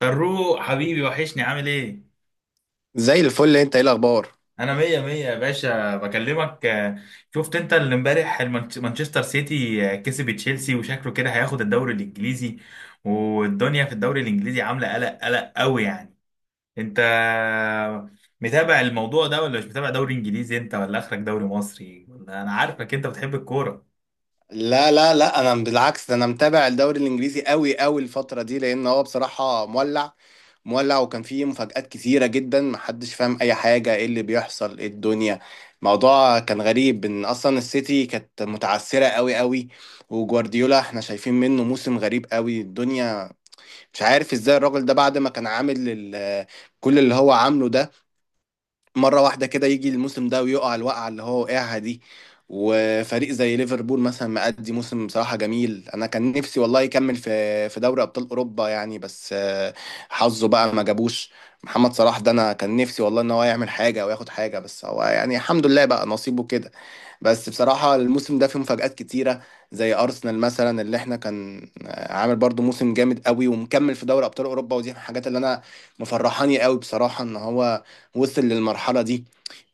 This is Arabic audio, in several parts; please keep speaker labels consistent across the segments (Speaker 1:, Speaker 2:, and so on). Speaker 1: فاروق حبيبي وحشني، عامل ايه؟
Speaker 2: زي الفل، انت ايه الاخبار؟
Speaker 1: انا مية مية يا باشا بكلمك. شفت انت اللي امبارح مانشستر سيتي كسب تشيلسي، وشكله كده هياخد الدوري الانجليزي، والدنيا في الدوري الانجليزي عاملة قلق قوي يعني. انت متابع الموضوع ده ولا مش متابع؟ دوري انجليزي انت ولا اخرك دوري مصري؟ ولا انا عارفك انت بتحب الكورة.
Speaker 2: لا لا لا، انا بالعكس، ده انا متابع الدوري الانجليزي قوي قوي الفتره دي، لان هو بصراحه مولع مولع، وكان فيه مفاجآت كتيره جدا، محدش فاهم اي حاجه، ايه اللي بيحصل، ايه الدنيا. موضوع كان غريب ان اصلا السيتي كانت متعثره قوي قوي، وجوارديولا احنا شايفين منه موسم غريب قوي الدنيا. مش عارف ازاي الراجل ده بعد ما كان عامل كل اللي هو عامله ده، مرة واحدة كده يجي الموسم ده ويقع الوقعة اللي هو وقعها دي. وفريق زي ليفربول مثلا مأدي موسم بصراحة جميل، أنا كان نفسي والله يكمل في دوري أبطال أوروبا يعني، بس حظه بقى ما جابوش. محمد صلاح ده أنا كان نفسي والله إن هو يعمل حاجة أو ياخد حاجة، بس هو يعني الحمد لله بقى نصيبه كده. بس بصراحة الموسم ده فيه مفاجآت كتيرة، زي أرسنال مثلا اللي احنا كان عامل برضو موسم جامد قوي ومكمل في دوري أبطال أوروبا، ودي من الحاجات اللي أنا مفرحاني قوي بصراحة إن هو وصل للمرحلة دي.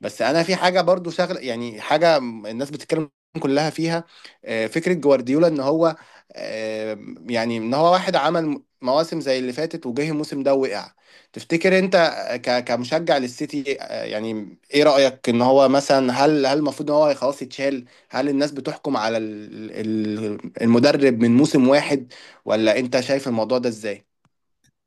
Speaker 2: بس أنا في حاجة برضو شغل يعني حاجة الناس بتتكلم كلها فيها، فكرة جوارديولا إن هو، آه، يعني إن هو واحد عمل مواسم زي اللي فاتت، وجه الموسم ده وقع. تفتكر انت كمشجع للسيتي، يعني ايه رأيك ان هو مثلا، هل المفروض ان هو خلاص يتشال؟ هل الناس بتحكم على المدرب من موسم واحد، ولا انت شايف الموضوع ده ازاي؟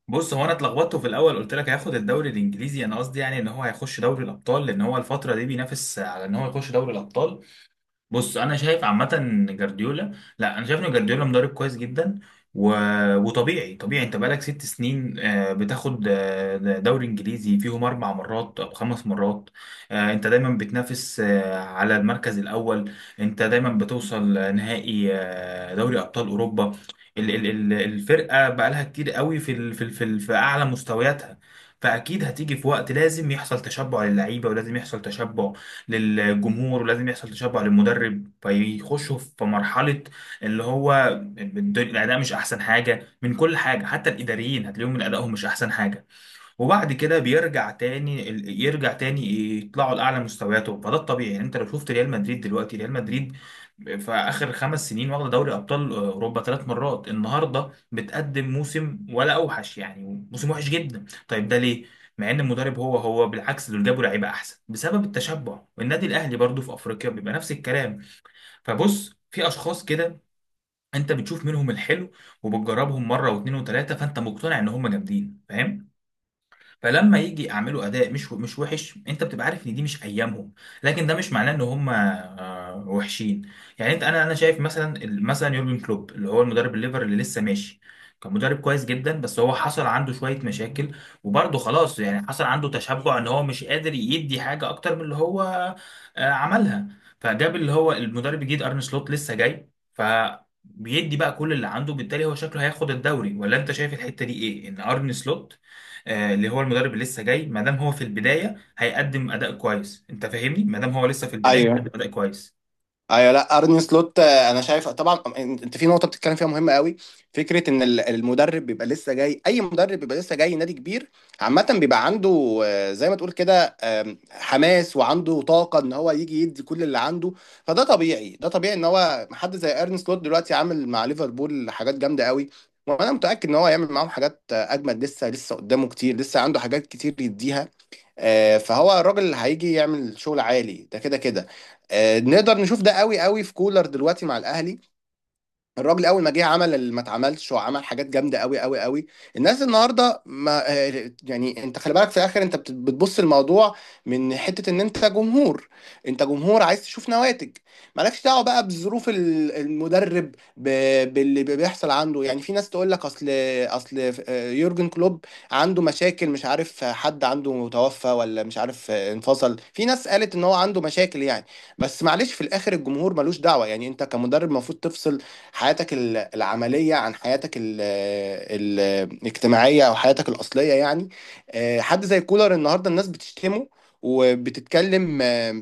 Speaker 1: بص، هو انا اتلخبطت في الاول، قلت لك هياخد الدوري الانجليزي، انا قصدي يعني ان هو هيخش دوري الابطال، لان هو الفترة دي بينافس على ان هو يخش دوري الابطال. بص انا شايف عامه إن جارديولا، لا انا شايف ان جارديولا مدرب كويس جدا، و... وطبيعي انت بقالك ست سنين بتاخد دوري انجليزي فيهم اربع مرات او خمس مرات. انت دايما بتنافس على المركز الاول، انت دايما بتوصل نهائي دوري ابطال اوروبا. الفرقه بقالها كتير قوي في اعلى مستوياتها، فاكيد هتيجي في وقت لازم يحصل تشبع للعيبه، ولازم يحصل تشبع للجمهور، ولازم يحصل تشبع للمدرب، فيخشوا في مرحلة اللي هو الأداء مش أحسن حاجة من كل حاجة، حتى الإداريين هتلاقيهم من أدائهم مش أحسن حاجة، وبعد كده بيرجع تاني يرجع تاني يطلعوا لاعلى مستوياتهم. فده الطبيعي يعني. انت لو شفت ريال مدريد دلوقتي، ريال مدريد في اخر خمس سنين واخده دوري ابطال اوروبا ثلاث مرات، النهارده بتقدم موسم ولا اوحش، يعني موسم وحش جدا. طيب ده ليه؟ مع ان المدرب هو هو، بالعكس دول جابوا لعيبه احسن، بسبب التشبع. والنادي الاهلي برضو في افريقيا بيبقى نفس الكلام. فبص، في اشخاص كده انت بتشوف منهم الحلو وبتجربهم مره واثنين وثلاثه، فانت مقتنع ان هم جامدين، فاهم؟ فلما يجي يعملوا اداء مش وحش، انت بتبقى عارف ان دي مش ايامهم، لكن ده مش معناه ان هم وحشين. يعني انت، انا شايف مثلا، مثلا يورجن كلوب، اللي هو المدرب الليفر اللي لسه ماشي، كان مدرب كويس جدا، بس هو حصل عنده شويه مشاكل، وبرضه خلاص يعني حصل عنده تشبع، ان هو مش قادر يدي حاجه اكتر من اللي هو عملها، فجاب اللي هو المدرب الجديد ارن سلوت لسه جاي. ف بيدي بقى كل اللي عنده، بالتالي هو شكله هياخد الدوري، ولا انت شايف الحتة دي ايه؟ ان ارن سلوت اللي هو المدرب اللي لسه جاي، ما دام هو في البدايه هيقدم اداء كويس، انت فاهمني؟ ما دام هو لسه في البدايه
Speaker 2: ايوه،
Speaker 1: هيقدم اداء كويس.
Speaker 2: ايوه، لا ارني سلوت انا شايف طبعا انت في نقطه بتتكلم فيها مهمه قوي. فكره ان المدرب بيبقى لسه جاي، اي مدرب بيبقى لسه جاي نادي كبير عامه بيبقى عنده زي ما تقول كده، حماس وعنده طاقه ان هو يجي يدي كل اللي عنده. فده طبيعي، ده طبيعي ان هو حد زي ارني سلوت دلوقتي عامل مع ليفربول حاجات جامده قوي، وانا متاكد ان هو هيعمل معاهم حاجات اجمد، لسه لسه قدامه كتير، لسه عنده حاجات كتير يديها. فهو الراجل اللي هيجي يعمل شغل عالي ده كده كده. نقدر نشوف ده قوي قوي في كولر دلوقتي مع الاهلي. الراجل اول ما جه عمل اللي ما اتعملش، وعمل حاجات جامده قوي قوي قوي. الناس النهارده ما يعني انت خلي بالك في الاخر، انت بتبص الموضوع من حته ان انت جمهور، انت جمهور عايز تشوف نواتج. مالكش دعوه بقى بظروف المدرب، باللي بيحصل عنده، يعني في ناس تقول لك اصل يورجن كلوب عنده مشاكل، مش عارف حد عنده توفى، ولا مش عارف انفصل، في ناس قالت ان هو عنده مشاكل يعني. بس معلش في الاخر الجمهور ملوش دعوه، يعني انت كمدرب المفروض تفصل حياتك العملية عن حياتك الاجتماعية أو حياتك الأصلية يعني. حد زي كولر النهاردة الناس بتشتمه وبتتكلم،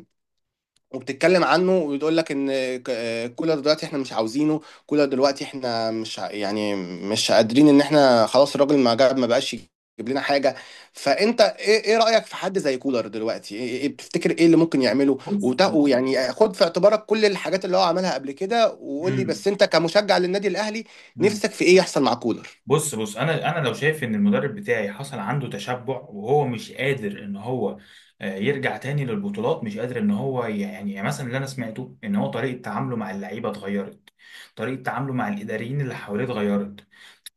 Speaker 2: وبتتكلم عنه وبتقول لك ان كولر دلوقتي احنا مش عاوزينه، كولر دلوقتي احنا مش ع- يعني مش قادرين ان احنا خلاص الراجل ما جاب ما بقاش يجيب لنا حاجه. فانت ايه، ايه رايك في حد زي كولر دلوقتي؟ ايه بتفتكر ايه اللي ممكن يعمله؟
Speaker 1: بص.
Speaker 2: ويعني خد في اعتبارك كل الحاجات اللي هو عملها قبل كده، وقول لي
Speaker 1: مم.
Speaker 2: بس انت كمشجع للنادي الاهلي،
Speaker 1: مم.
Speaker 2: نفسك في ايه يحصل مع كولر؟
Speaker 1: بص، انا لو شايف ان المدرب بتاعي حصل عنده تشبع، وهو مش قادر ان هو يرجع تاني للبطولات، مش قادر ان هو يعني، يعني مثلا اللي انا سمعته ان هو طريقه تعامله مع اللعيبه اتغيرت، طريقه تعامله مع الاداريين اللي حواليه اتغيرت،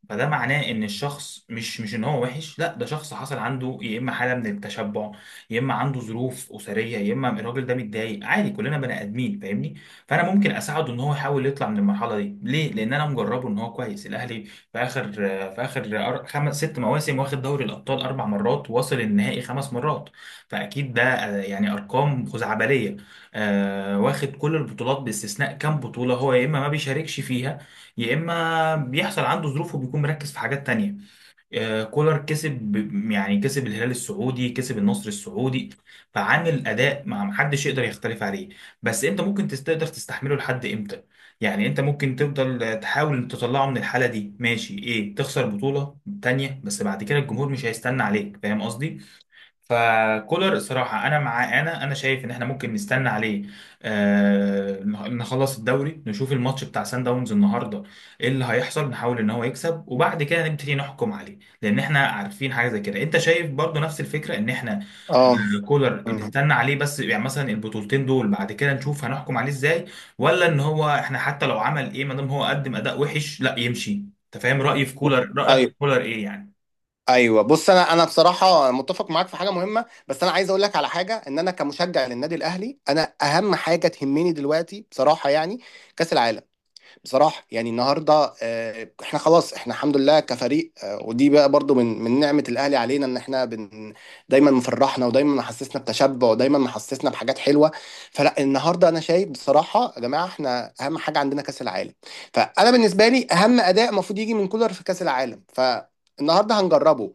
Speaker 1: فده معناه ان الشخص مش ان هو وحش، لا ده شخص حصل عنده يا اما حاله من التشبع، يا اما عنده ظروف اسريه، يا اما الراجل ده متضايق، عادي كلنا بني ادمين، فاهمني؟ فانا ممكن اساعده ان هو يحاول يطلع من المرحله دي. ليه؟ لان انا مجربه ان هو كويس. الاهلي في اخر، خمس ست مواسم واخد دوري الابطال اربع مرات، واصل النهائي خمس مرات، فاكيد ده يعني ارقام خزعبليه. واخد كل البطولات باستثناء كام بطوله هو يا اما ما بيشاركش فيها، يا اما بيحصل عنده ظروف وبيكون مركز في حاجات تانية. كولر كسب يعني كسب الهلال السعودي، كسب النصر السعودي، فعامل اداء ما محدش يقدر يختلف عليه. بس انت ممكن تقدر تستحمله لحد امتى؟ يعني انت ممكن تفضل تحاول تطلعه من الحالة دي ماشي، ايه تخسر بطولة تانية، بس بعد كده الجمهور مش هيستنى عليك، فاهم قصدي؟ فكولر الصراحة أنا معاه، أنا شايف إن إحنا ممكن نستنى عليه. آه، نخلص الدوري، نشوف الماتش بتاع سان داونز النهاردة إيه اللي هيحصل، نحاول إن هو يكسب، وبعد كده نبتدي نحكم عليه. لأن إحنا عارفين حاجة زي كده. أنت شايف برضو نفس الفكرة إن إحنا
Speaker 2: اه.
Speaker 1: آه كولر
Speaker 2: مم.
Speaker 1: نستنى عليه، بس يعني مثلا البطولتين دول بعد كده نشوف هنحكم عليه إزاي، ولا إن هو إحنا حتى لو عمل إيه، ما دام هو قدم أداء وحش لا يمشي؟ أنت فاهم رأيي في كولر، رأيك في
Speaker 2: ايوه،
Speaker 1: كولر إيه
Speaker 2: ايوه، بص انا بصراحه متفق معاك في حاجه مهمه، بس انا عايز اقول لك على حاجه، ان انا كمشجع للنادي الاهلي، انا اهم حاجه تهمني دلوقتي بصراحه يعني كاس العالم. بصراحه يعني النهارده احنا خلاص احنا الحمد لله كفريق ودي بقى برضو من نعمه الاهلي علينا ان احنا بن، دايما مفرحنا ودايما محسسنا بتشبع ودايما محسسنا بحاجات حلوه. فلا النهارده انا شايف بصراحه يا جماعه، احنا اهم حاجه عندنا كاس العالم، فانا بالنسبه لي اهم اداء المفروض يجي من كولر في كاس العالم. ف النهارده هنجربه،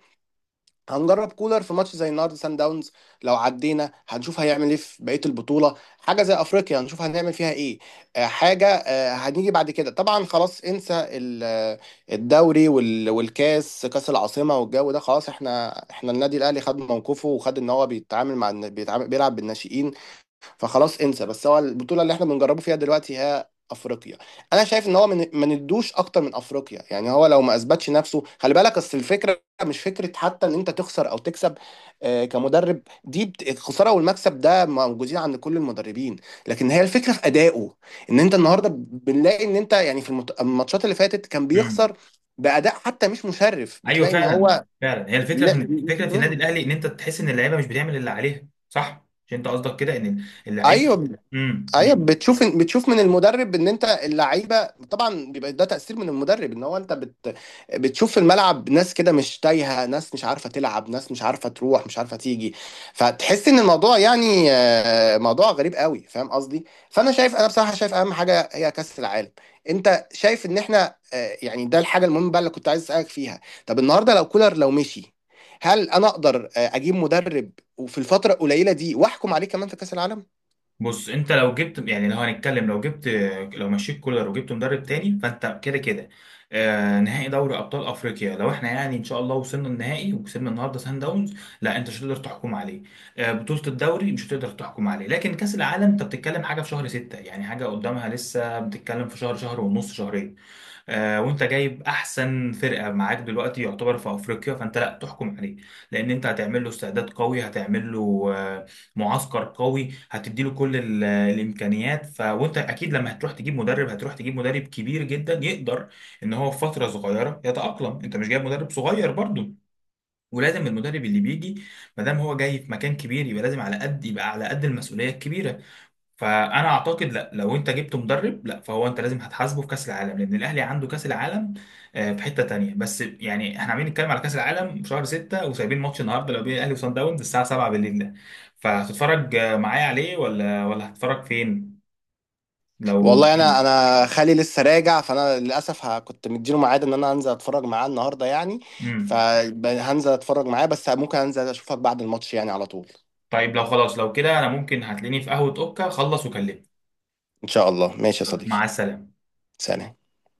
Speaker 2: هنجرب كولر في ماتش زي النهارده سان داونز، لو عدينا هنشوف هيعمل ايه في بقيه البطوله، حاجه زي افريقيا هنشوف هنعمل فيها ايه. حاجه هنيجي بعد كده طبعا خلاص انسى الدوري والكاس كاس العاصمه والجو ده، خلاص احنا النادي الاهلي خد موقفه وخد ان هو بيتعامل مع بيتعامل بيلعب بالناشئين. فخلاص انسى، بس هو البطوله اللي احنا بنجربه فيها دلوقتي هي افريقيا. انا شايف ان هو من ما ندوش اكتر من افريقيا يعني، هو لو ما اثبتش نفسه، خلي بالك اصل الفكره مش فكره حتى ان انت تخسر او تكسب كمدرب، دي الخساره والمكسب ده موجودين عند كل المدربين، لكن هي الفكره في ادائه. ان انت النهارده بنلاقي ان انت يعني في الماتشات اللي فاتت كان
Speaker 1: يعني؟
Speaker 2: بيخسر باداء حتى مش مشرف،
Speaker 1: ايوه،
Speaker 2: بتلاقي ان
Speaker 1: فعلا
Speaker 2: هو،
Speaker 1: فعلا، هي الفكره
Speaker 2: لا
Speaker 1: في، فكره في النادي الاهلي ان انت تحس ان اللعيبه مش بتعمل اللي عليها، صح؟ مش انت قصدك كده، ان اللعيبه،
Speaker 2: ايوه، ايوه
Speaker 1: أمم.
Speaker 2: بتشوف، بتشوف من المدرب ان انت اللعيبه، طبعا بيبقى ده تاثير من المدرب، ان هو انت بت، بتشوف في الملعب ناس كده مش تايهه، ناس مش عارفه تلعب، ناس مش عارفه تروح، مش عارفه تيجي. فتحس ان الموضوع يعني موضوع غريب قوي، فاهم قصدي؟ فانا شايف، انا بصراحه شايف اهم حاجه هي كاس العالم. انت شايف ان احنا يعني ده الحاجه المهمه بقى اللي كنت عايز اسالك فيها. طب النهارده لو كولر لو مشي، هل انا اقدر اجيب مدرب وفي الفتره القليله دي واحكم عليه كمان في كاس العالم؟
Speaker 1: بص، انت لو جبت، يعني لو هنتكلم، لو جبت، لو مشيت كولر وجبت مدرب تاني، فانت كده كده آه نهائي دوري ابطال افريقيا لو احنا يعني ان شاء الله وصلنا النهائي وكسبنا النهارده سان داونز، لا انت مش هتقدر تحكم عليه. آه بطوله الدوري مش هتقدر تحكم عليه، لكن كاس العالم انت بتتكلم حاجه في شهر ستة، يعني حاجه قدامها لسه، بتتكلم في شهر، شهر ونص، شهرين. وانت جايب احسن فرقه معاك دلوقتي يعتبر في افريقيا، فانت لا تحكم عليه، لان انت هتعمل له استعداد قوي، هتعمل له معسكر قوي، هتدي له كل الامكانيات. ف وانت اكيد لما هتروح تجيب مدرب، هتروح تجيب مدرب كبير جدا يقدر ان هو في فتره صغيره يتاقلم، انت مش جايب مدرب صغير برضه، ولازم المدرب اللي بيجي ما دام هو جاي في مكان كبير، يبقى لازم على قد، يبقى على قد المسؤوليه الكبيره. فانا اعتقد لا لو انت جبت مدرب، لا فهو انت لازم هتحاسبه في كاس العالم، لان الاهلي عنده كاس العالم في حته تانية. بس يعني احنا عاملين نتكلم على كاس العالم في شهر 6، وسايبين ماتش النهارده لو بين الاهلي وصن داونز الساعه 7 بالليل ده. فهتتفرج معايا عليه، ولا هتتفرج فين لو؟
Speaker 2: والله انا خالي لسه راجع، فانا للاسف كنت مديله ميعاد ان انا هنزل اتفرج معاه النهارده يعني،
Speaker 1: امم.
Speaker 2: فهنزل اتفرج معاه، بس ممكن انزل اشوفك بعد الماتش يعني على طول.
Speaker 1: طيب لو خلاص لو كده، انا ممكن هتلاقيني في قهوه اوكا، خلص وكلمني.
Speaker 2: ان شاء الله، ماشي يا
Speaker 1: يلا،
Speaker 2: صديقي،
Speaker 1: مع السلامه.
Speaker 2: سلام.